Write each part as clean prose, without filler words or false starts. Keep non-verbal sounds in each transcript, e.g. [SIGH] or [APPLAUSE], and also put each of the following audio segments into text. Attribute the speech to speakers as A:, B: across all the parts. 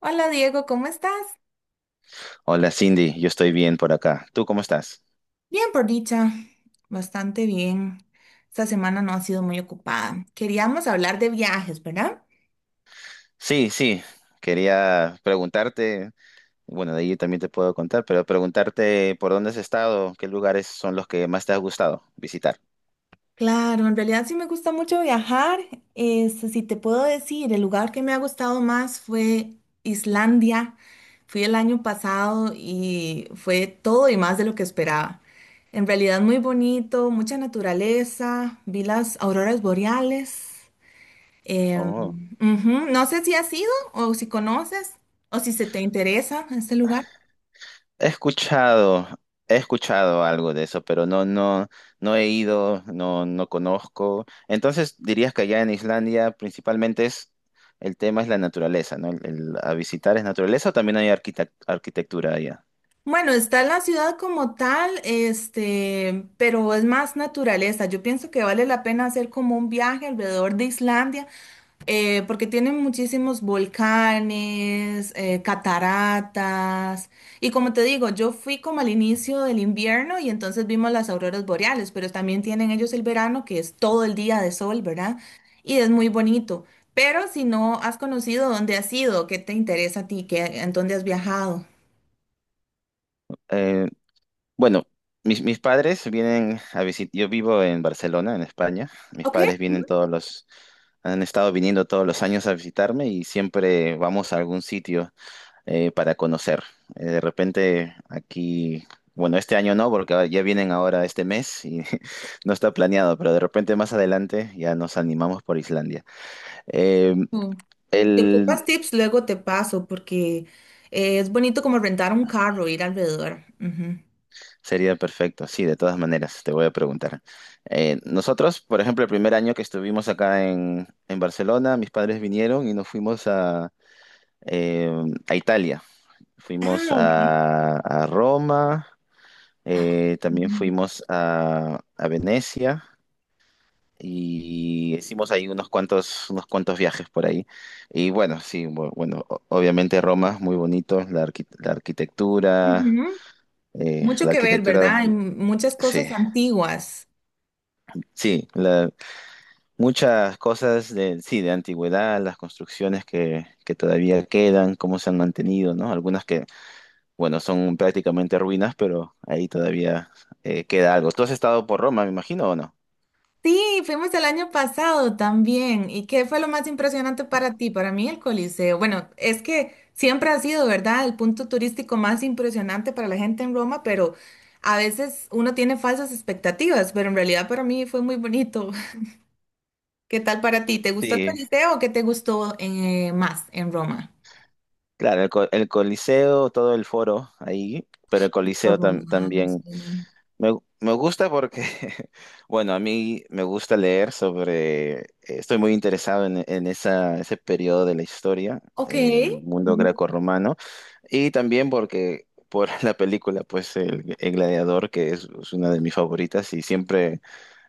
A: Hola Diego, ¿cómo estás?
B: Hola Cindy, yo estoy bien por acá. ¿Tú cómo estás?
A: Bien, por dicha, bastante bien. Esta semana no ha sido muy ocupada. Queríamos hablar de viajes, ¿verdad?
B: Sí, sí, quería preguntarte, bueno, de ahí también te puedo contar, pero preguntarte por dónde has estado, qué lugares son los que más te ha gustado visitar.
A: Claro, en realidad sí me gusta mucho viajar. Este, si te puedo decir, el lugar que me ha gustado más fue Islandia. Fui el año pasado y fue todo y más de lo que esperaba. En realidad muy bonito, mucha naturaleza, vi las auroras boreales. Eh,
B: Oh,
A: ujú, no sé si has ido o si conoces o si se te interesa ese lugar.
B: he escuchado, he escuchado algo de eso, pero no, no, no he ido, no, no conozco. Entonces dirías que allá en Islandia principalmente es, el tema es la naturaleza, ¿no? A visitar es naturaleza o también hay arquitectura allá.
A: Bueno, está la ciudad como tal, este, pero es más naturaleza. Yo pienso que vale la pena hacer como un viaje alrededor de Islandia, porque tienen muchísimos volcanes, cataratas. Y como te digo, yo fui como al inicio del invierno y entonces vimos las auroras boreales, pero también tienen ellos el verano, que es todo el día de sol, ¿verdad? Y es muy bonito. Pero si no has conocido dónde has ido, qué te interesa a ti, qué, en dónde has viajado.
B: Bueno, mis padres vienen a visitar, yo vivo en Barcelona, en España. Mis
A: Ok.
B: padres vienen han estado viniendo todos los años a visitarme y siempre vamos a algún sitio para conocer. De repente aquí, bueno, este año no, porque ya vienen ahora este mes y [LAUGHS] no está planeado, pero de repente más adelante ya nos animamos por Islandia. Eh,
A: Si
B: el-
A: ocupas tips, luego te paso, porque es bonito como rentar un carro, ir alrededor. Ujú.
B: Sería perfecto, sí, de todas maneras, te voy a preguntar. Nosotros, por ejemplo, el primer año que estuvimos acá en Barcelona, mis padres vinieron y nos fuimos eh, a Italia. Fuimos
A: Ah, ok.
B: a Roma, también
A: Mm.
B: fuimos a Venecia y hicimos ahí unos cuantos viajes por ahí. Y bueno, sí, bueno, obviamente Roma, muy bonito, la arquitectura,
A: Ujú.
B: eh,
A: Mucho
B: la
A: que ver, ¿verdad?
B: arquitectura,
A: Hay muchas
B: sí.
A: cosas antiguas.
B: Sí, muchas cosas de, sí, de antigüedad, las construcciones que, todavía quedan, cómo se han mantenido, ¿no? Algunas que, bueno, son prácticamente ruinas, pero ahí todavía queda algo. ¿Tú has estado por Roma, me imagino, o no?
A: Sí, fuimos el año pasado también. ¿Y qué fue lo más impresionante para ti? Para mí el Coliseo. Bueno, es que siempre ha sido, ¿verdad? El punto turístico más impresionante para la gente en Roma, pero a veces uno tiene falsas expectativas, pero en realidad para mí fue muy bonito. ¿Qué tal para ti? ¿Te gustó el
B: Sí,
A: Coliseo o qué te gustó más en Roma?
B: claro, el Coliseo, todo el foro ahí, pero el
A: Los
B: Coliseo
A: romanos,
B: también
A: sí.
B: me gusta porque, [LAUGHS] bueno, a mí me gusta leer sobre, estoy muy interesado en ese periodo de la historia,
A: Ok.
B: mundo
A: Ujú,
B: greco-romano. Y también porque por [LAUGHS] la película, pues el Gladiador, que es una de mis favoritas, y siempre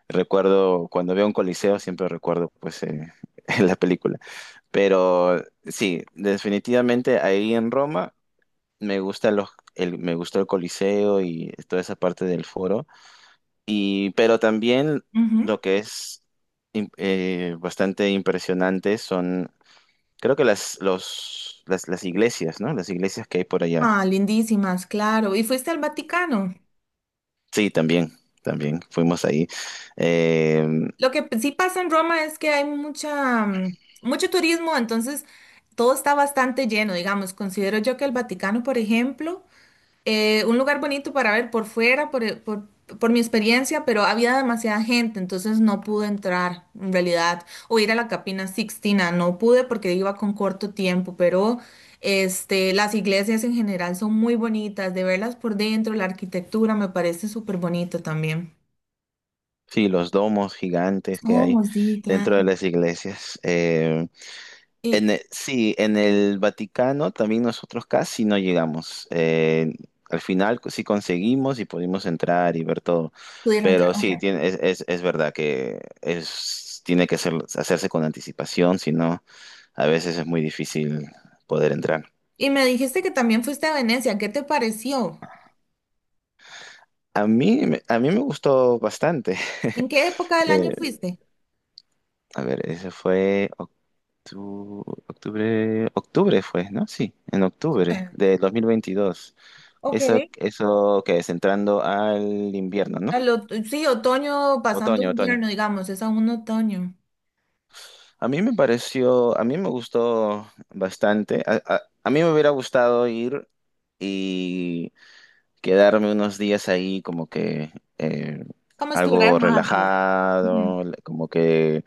B: recuerdo, cuando veo un coliseo, siempre recuerdo pues [LAUGHS] la película. Pero sí, definitivamente ahí en Roma me gustó el Coliseo y toda esa parte del foro. Pero también
A: ujú.
B: lo que es bastante impresionante son, creo que las iglesias, ¿no? Las iglesias que hay por allá.
A: Ah, lindísimas, claro. ¿Y fuiste al Vaticano?
B: Sí, también fuimos ahí. Eh,
A: Lo que sí pasa en Roma es que hay mucha, mucho turismo, entonces todo está bastante lleno, digamos. Considero yo que el Vaticano, por ejemplo, un lugar bonito para ver por fuera, por, por mi experiencia, pero había demasiada gente, entonces no pude entrar en realidad o ir a la Capina Sixtina, no pude porque iba con corto tiempo, pero este, las iglesias en general son muy bonitas, de verlas por dentro, la arquitectura me parece súper bonito también.
B: sí, los domos gigantes que
A: Oh,
B: hay
A: sí,
B: dentro
A: claro.
B: de las iglesias.
A: Y
B: Sí, en el Vaticano también nosotros casi no llegamos. Al final sí conseguimos y pudimos entrar y ver todo.
A: pudieron entrar,
B: Pero sí,
A: ok.
B: tiene, es verdad que es, tiene que ser- hacerse con anticipación, si no, a veces es muy difícil poder entrar.
A: Y me dijiste que también fuiste a Venecia, ¿qué te pareció?
B: A mí, a mí me gustó bastante.
A: ¿En qué época del año
B: [LAUGHS]
A: fuiste?
B: A ver, ese fue octubre fue, ¿no? Sí, en
A: Ok.
B: octubre de 2022.
A: Ok.
B: Eso que es entrando al invierno, ¿no?
A: Sí, otoño pasando
B: Otoño, otoño.
A: invierno, digamos, es aún otoño.
B: A mí me gustó bastante. A mí me hubiera gustado ir y quedarme unos días ahí como que eh,
A: Vamos a explorar
B: algo
A: más las- Ujú.
B: relajado, como que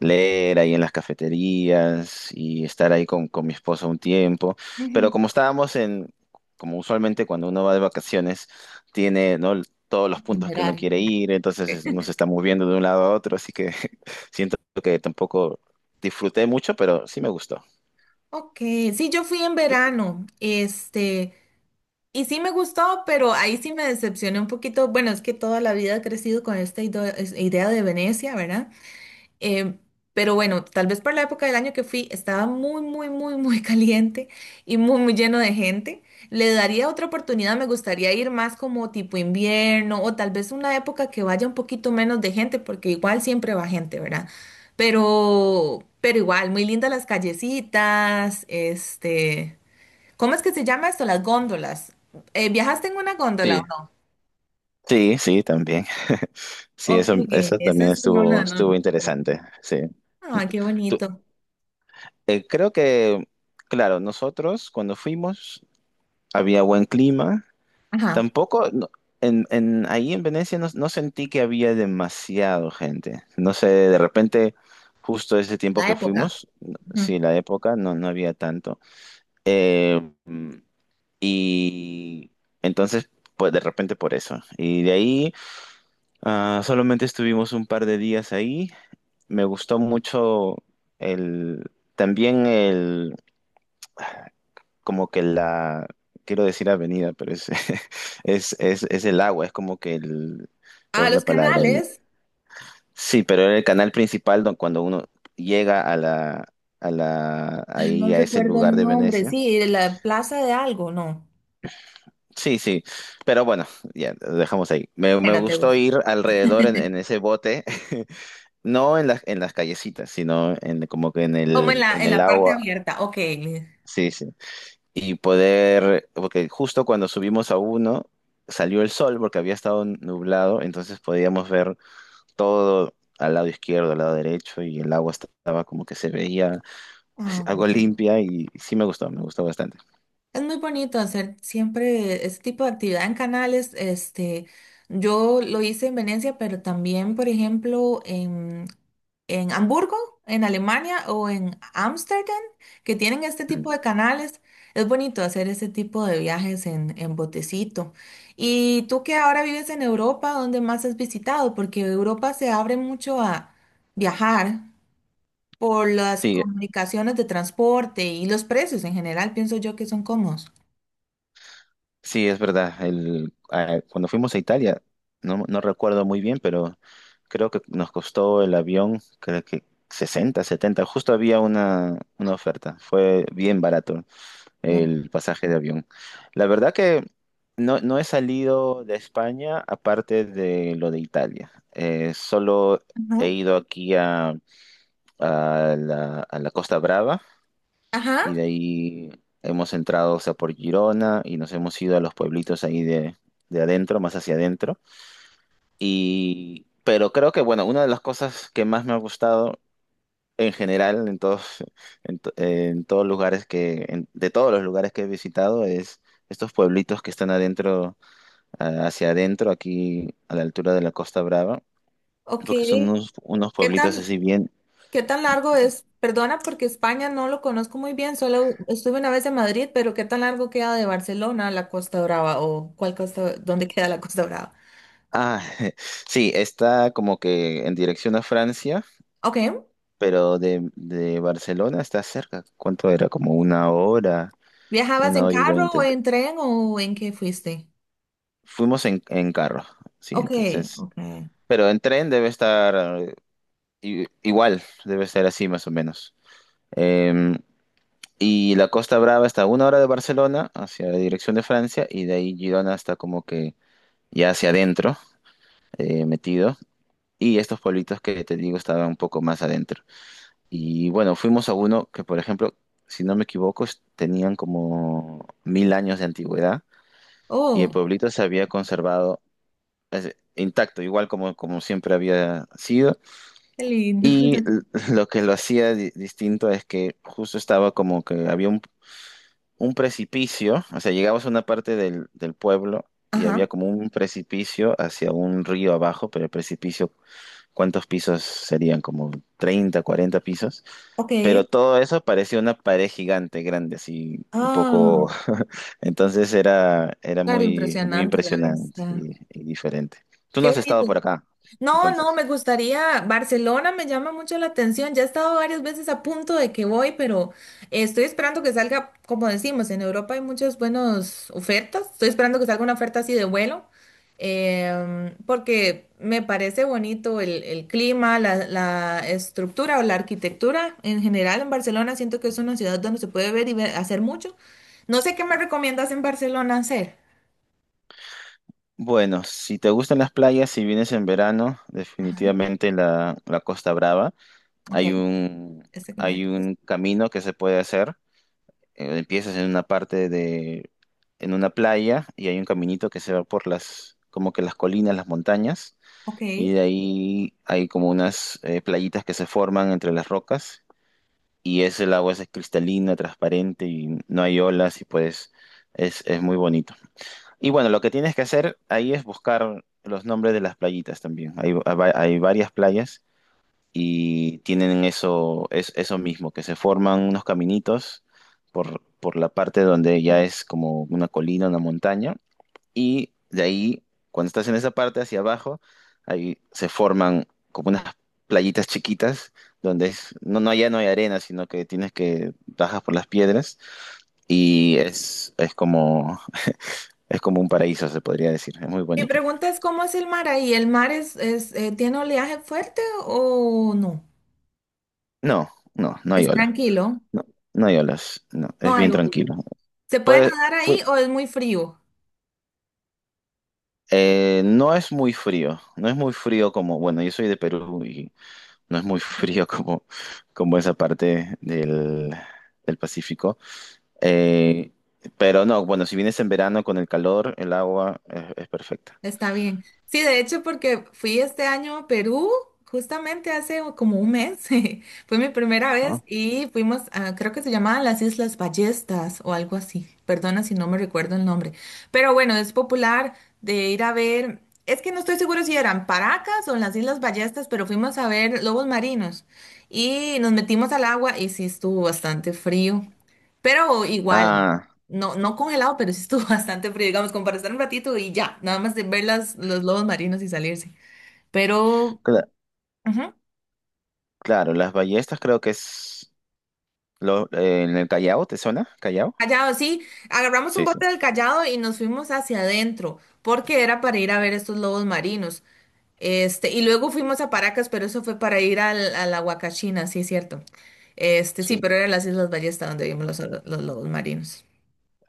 B: leer ahí en las cafeterías y estar ahí con mi esposa un tiempo. Pero
A: Ujú.
B: como estábamos como usualmente cuando uno va de vacaciones, tiene, ¿no? todos los puntos que uno
A: Itinerario.
B: quiere ir, entonces uno se está moviendo de un lado a otro, así que [LAUGHS] siento que tampoco disfruté mucho, pero sí me gustó.
A: Ok, sí, yo fui en verano, este, y sí me gustó, pero ahí sí me decepcioné un poquito. Bueno, es que toda la vida he crecido con esta idea de Venecia, ¿verdad? Eh, pero bueno, tal vez por la época del año que fui, estaba muy [LAUGHS] caliente y muy lleno de gente. Le daría otra oportunidad, me gustaría ir más como tipo invierno o tal vez una época que vaya un poquito menos de gente, porque igual siempre va gente, ¿verdad? Pero igual, muy lindas las callecitas, este, ¿cómo es que se llama esto? Las góndolas. ¿Viajaste en una góndola
B: Sí,
A: o no?
B: sí, sí, también. Sí,
A: Ok,
B: eso
A: esa
B: también
A: sí no la, no,
B: estuvo
A: no.
B: interesante. Sí.
A: Ah, qué
B: Tú-
A: bonito.
B: Creo que, claro, nosotros cuando fuimos había buen clima.
A: Ajá,
B: Tampoco, no, ahí en Venecia no, no sentí que había demasiado gente. No sé, de repente, justo ese tiempo
A: la
B: que
A: época.
B: fuimos, sí, la época, no, no había tanto. Eh, y entonces, pues de repente por eso. Y de ahí, solamente estuvimos un par de días ahí. Me gustó mucho el, también como que quiero decir avenida, pero [LAUGHS] es el agua, es como que ¿cuál
A: Ah,
B: es la
A: los
B: palabra?
A: canales.
B: Sí, pero era el canal principal cuando uno llega
A: Ah, no
B: ahí a ese
A: recuerdo
B: lugar
A: el
B: de
A: nombre.
B: Venecia.
A: Sí, de la plaza de algo, no.
B: Sí, sí, pero bueno, ya lo dejamos ahí.
A: En
B: Me
A: la
B: gustó
A: Tegus.
B: ir alrededor en ese bote, [LAUGHS] no en en las callecitas, sino como que
A: Como
B: en
A: en
B: el
A: la parte
B: agua.
A: abierta. Ok.
B: Sí, sí. Y poder, porque justo cuando subimos a uno, salió el sol porque había estado nublado, entonces podíamos ver todo al lado izquierdo, al lado derecho, y el agua estaba como que se veía
A: Ah.
B: algo limpia y sí me gustó, bastante.
A: Es muy bonito hacer siempre este tipo de actividad en canales. Este, yo lo hice en Venecia, pero también, por ejemplo, en Hamburgo, en Alemania o en Ámsterdam, que tienen este tipo
B: Mm.
A: de canales. Es bonito hacer este tipo de viajes en botecito. Y tú que ahora vives en Europa, ¿dónde más has visitado? Porque Europa se abre mucho a viajar por las
B: Sí,
A: comunicaciones de transporte y los precios en general, pienso yo que son cómodos.
B: sí, es verdad. Cuando fuimos a Italia, no, no recuerdo muy bien, pero creo que nos costó el avión, creo que 60, 70, justo había una oferta, fue bien barato.
A: Claro.
B: El pasaje de avión. La verdad que no, no he salido de España aparte de lo de Italia. Solo he
A: Ajá,
B: ido aquí a la Costa Brava y
A: ajá,
B: de ahí hemos entrado, o sea, por Girona y nos hemos ido a los pueblitos ahí de adentro, más hacia adentro. Pero creo que, bueno, una de las cosas que más me ha gustado en general, en todos lugares que, de todos los lugares que he visitado, es estos pueblitos que están adentro, hacia adentro, aquí a la altura de la Costa Brava,
A: ok.
B: porque son unos
A: ¿Qué
B: pueblitos
A: tan,
B: así bien.
A: ¿qué tan largo es? Perdona porque España no lo conozco muy bien, solo estuve una vez en Madrid, pero ¿qué tan largo queda de Barcelona a la Costa Brava o cuál costa, dónde queda la Costa Brava?
B: Ah, [LAUGHS] sí, está como que en dirección a Francia,
A: Ok.
B: pero de Barcelona está cerca. ¿Cuánto era? Como
A: ¿Viajabas
B: una
A: en
B: hora y
A: carro o
B: veinte.
A: en tren o en qué fuiste?
B: Fuimos en carro, sí,
A: Ok,
B: entonces.
A: ok.
B: Pero en tren debe estar. Igual, debe ser así más o menos. Eh, y la Costa Brava está a una hora de Barcelona, hacia la dirección de Francia, y de ahí Girona está como que ya hacia adentro, metido. Y estos pueblitos que te digo estaban un poco más adentro. Y bueno, fuimos a uno que, por ejemplo, si no me equivoco, tenían como 1000 años de antigüedad y el
A: Oh,
B: pueblito se había conservado intacto, igual como siempre había sido.
A: qué lindo.
B: Y [LAUGHS]
A: [LAUGHS]
B: lo que lo hacía distinto es que justo estaba como que había un precipicio, o sea, llegabas a una parte del pueblo y había
A: Ajá,
B: como un precipicio hacia un río abajo, pero el precipicio, ¿cuántos pisos serían? Como 30, 40 pisos.
A: ok.
B: Pero todo eso parecía una pared gigante, grande, así un
A: Ah,
B: poco... [LAUGHS] Entonces era
A: claro,
B: muy, muy
A: impresionante la
B: impresionante
A: vista.
B: y diferente. Tú no
A: Qué
B: has estado
A: bonito.
B: por acá,
A: No, no,
B: entonces.
A: me gustaría. Barcelona me llama mucho la atención. Ya he estado varias veces a punto de que voy, pero estoy esperando que salga, como decimos, en Europa hay muchas buenas ofertas. Estoy esperando que salga una oferta así de vuelo, porque me parece bonito el clima, la estructura o la arquitectura en general en Barcelona. Siento que es una ciudad donde se puede ver y hacer mucho. No sé qué me recomiendas en Barcelona hacer.
B: Bueno, si te gustan las playas, si vienes en verano,
A: Ajá,
B: definitivamente la Costa Brava.
A: ok,
B: Hay un,
A: este que me
B: Hay
A: dices.
B: un camino que se puede hacer. Empiezas en una parte de, en una playa y hay un caminito que se va por las, como que las colinas, las montañas.
A: Ok.
B: Y de ahí hay como unas playitas que se forman entre las rocas. Y ese el agua es cristalina, transparente y no hay olas y pues es muy bonito. Y bueno, lo que tienes que hacer ahí es buscar los nombres de las playitas también. Hay varias playas y tienen eso, eso mismo, que se forman unos caminitos por la parte donde ya es como una colina, una montaña. Y de ahí, cuando estás en esa parte hacia abajo, ahí se forman como unas playitas chiquitas donde no, no, ya no hay arena, sino que tienes que bajas por las piedras y es como un paraíso, se podría decir. Es muy
A: Mi
B: bonito.
A: pregunta es, ¿cómo es el mar ahí? ¿El mar tiene oleaje fuerte o no?
B: No, no, no hay
A: ¿Es
B: olas.
A: tranquilo?
B: No, no hay olas. No,
A: No
B: es
A: hay
B: bien
A: oleaje.
B: tranquilo.
A: ¿Se puede
B: Pues
A: nadar ahí
B: fue,
A: o es muy frío?
B: no es muy frío. No es muy frío como, bueno, yo soy de Perú y no es muy [LAUGHS] frío como, esa parte del Pacífico. Eh, pero no, bueno, si vienes en verano con el calor, el agua es perfecta.
A: Está bien. Sí, de hecho, porque fui este año a Perú, justamente hace como un mes, [LAUGHS] fue mi primera vez
B: ¿No?
A: y fuimos a, creo que se llamaban las Islas Ballestas o algo así. Perdona si no me recuerdo el nombre. Pero bueno, es popular de ir a ver, es que no estoy seguro si eran Paracas o las Islas Ballestas, pero fuimos a ver lobos marinos y nos metimos al agua y sí estuvo bastante frío, pero sí. Igual.
B: Ah,
A: No, no congelado, pero sí estuvo [LAUGHS] bastante frío, digamos, como para estar un ratito y ya, nada más de ver los lobos marinos y salirse. Pero,
B: cla-
A: ujú,
B: claro, las Ballestas creo que es en el Callao, ¿te suena? ¿Callao?
A: Callao, sí, agarramos un
B: Sí, sí,
A: bote del Callao y nos fuimos hacia adentro, porque era para ir a ver estos lobos marinos. Este, y luego fuimos a Paracas, pero eso fue para ir a la Huacachina, sí es cierto. Este, sí,
B: sí.
A: pero eran las Islas Ballesta donde vimos los lobos marinos.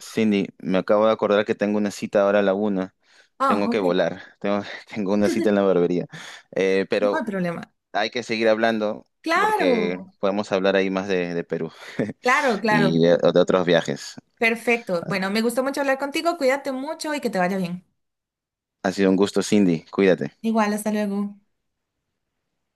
B: Cindy, me acabo de acordar que tengo una cita ahora a la una.
A: Ah,
B: Tengo que
A: ok,
B: volar. Tengo, [LAUGHS] tengo una cita en la barbería.
A: no hay
B: Pero
A: problema.
B: hay que seguir hablando,
A: Claro,
B: porque podemos hablar ahí más de Perú
A: claro,
B: [LAUGHS] y
A: claro.
B: de otros viajes.
A: Perfecto.
B: Ha
A: Bueno, me gustó mucho hablar contigo. Cuídate mucho y que te vaya bien.
B: Ha sido un gusto, Cindy. Cuídate.
A: Igual, hasta luego.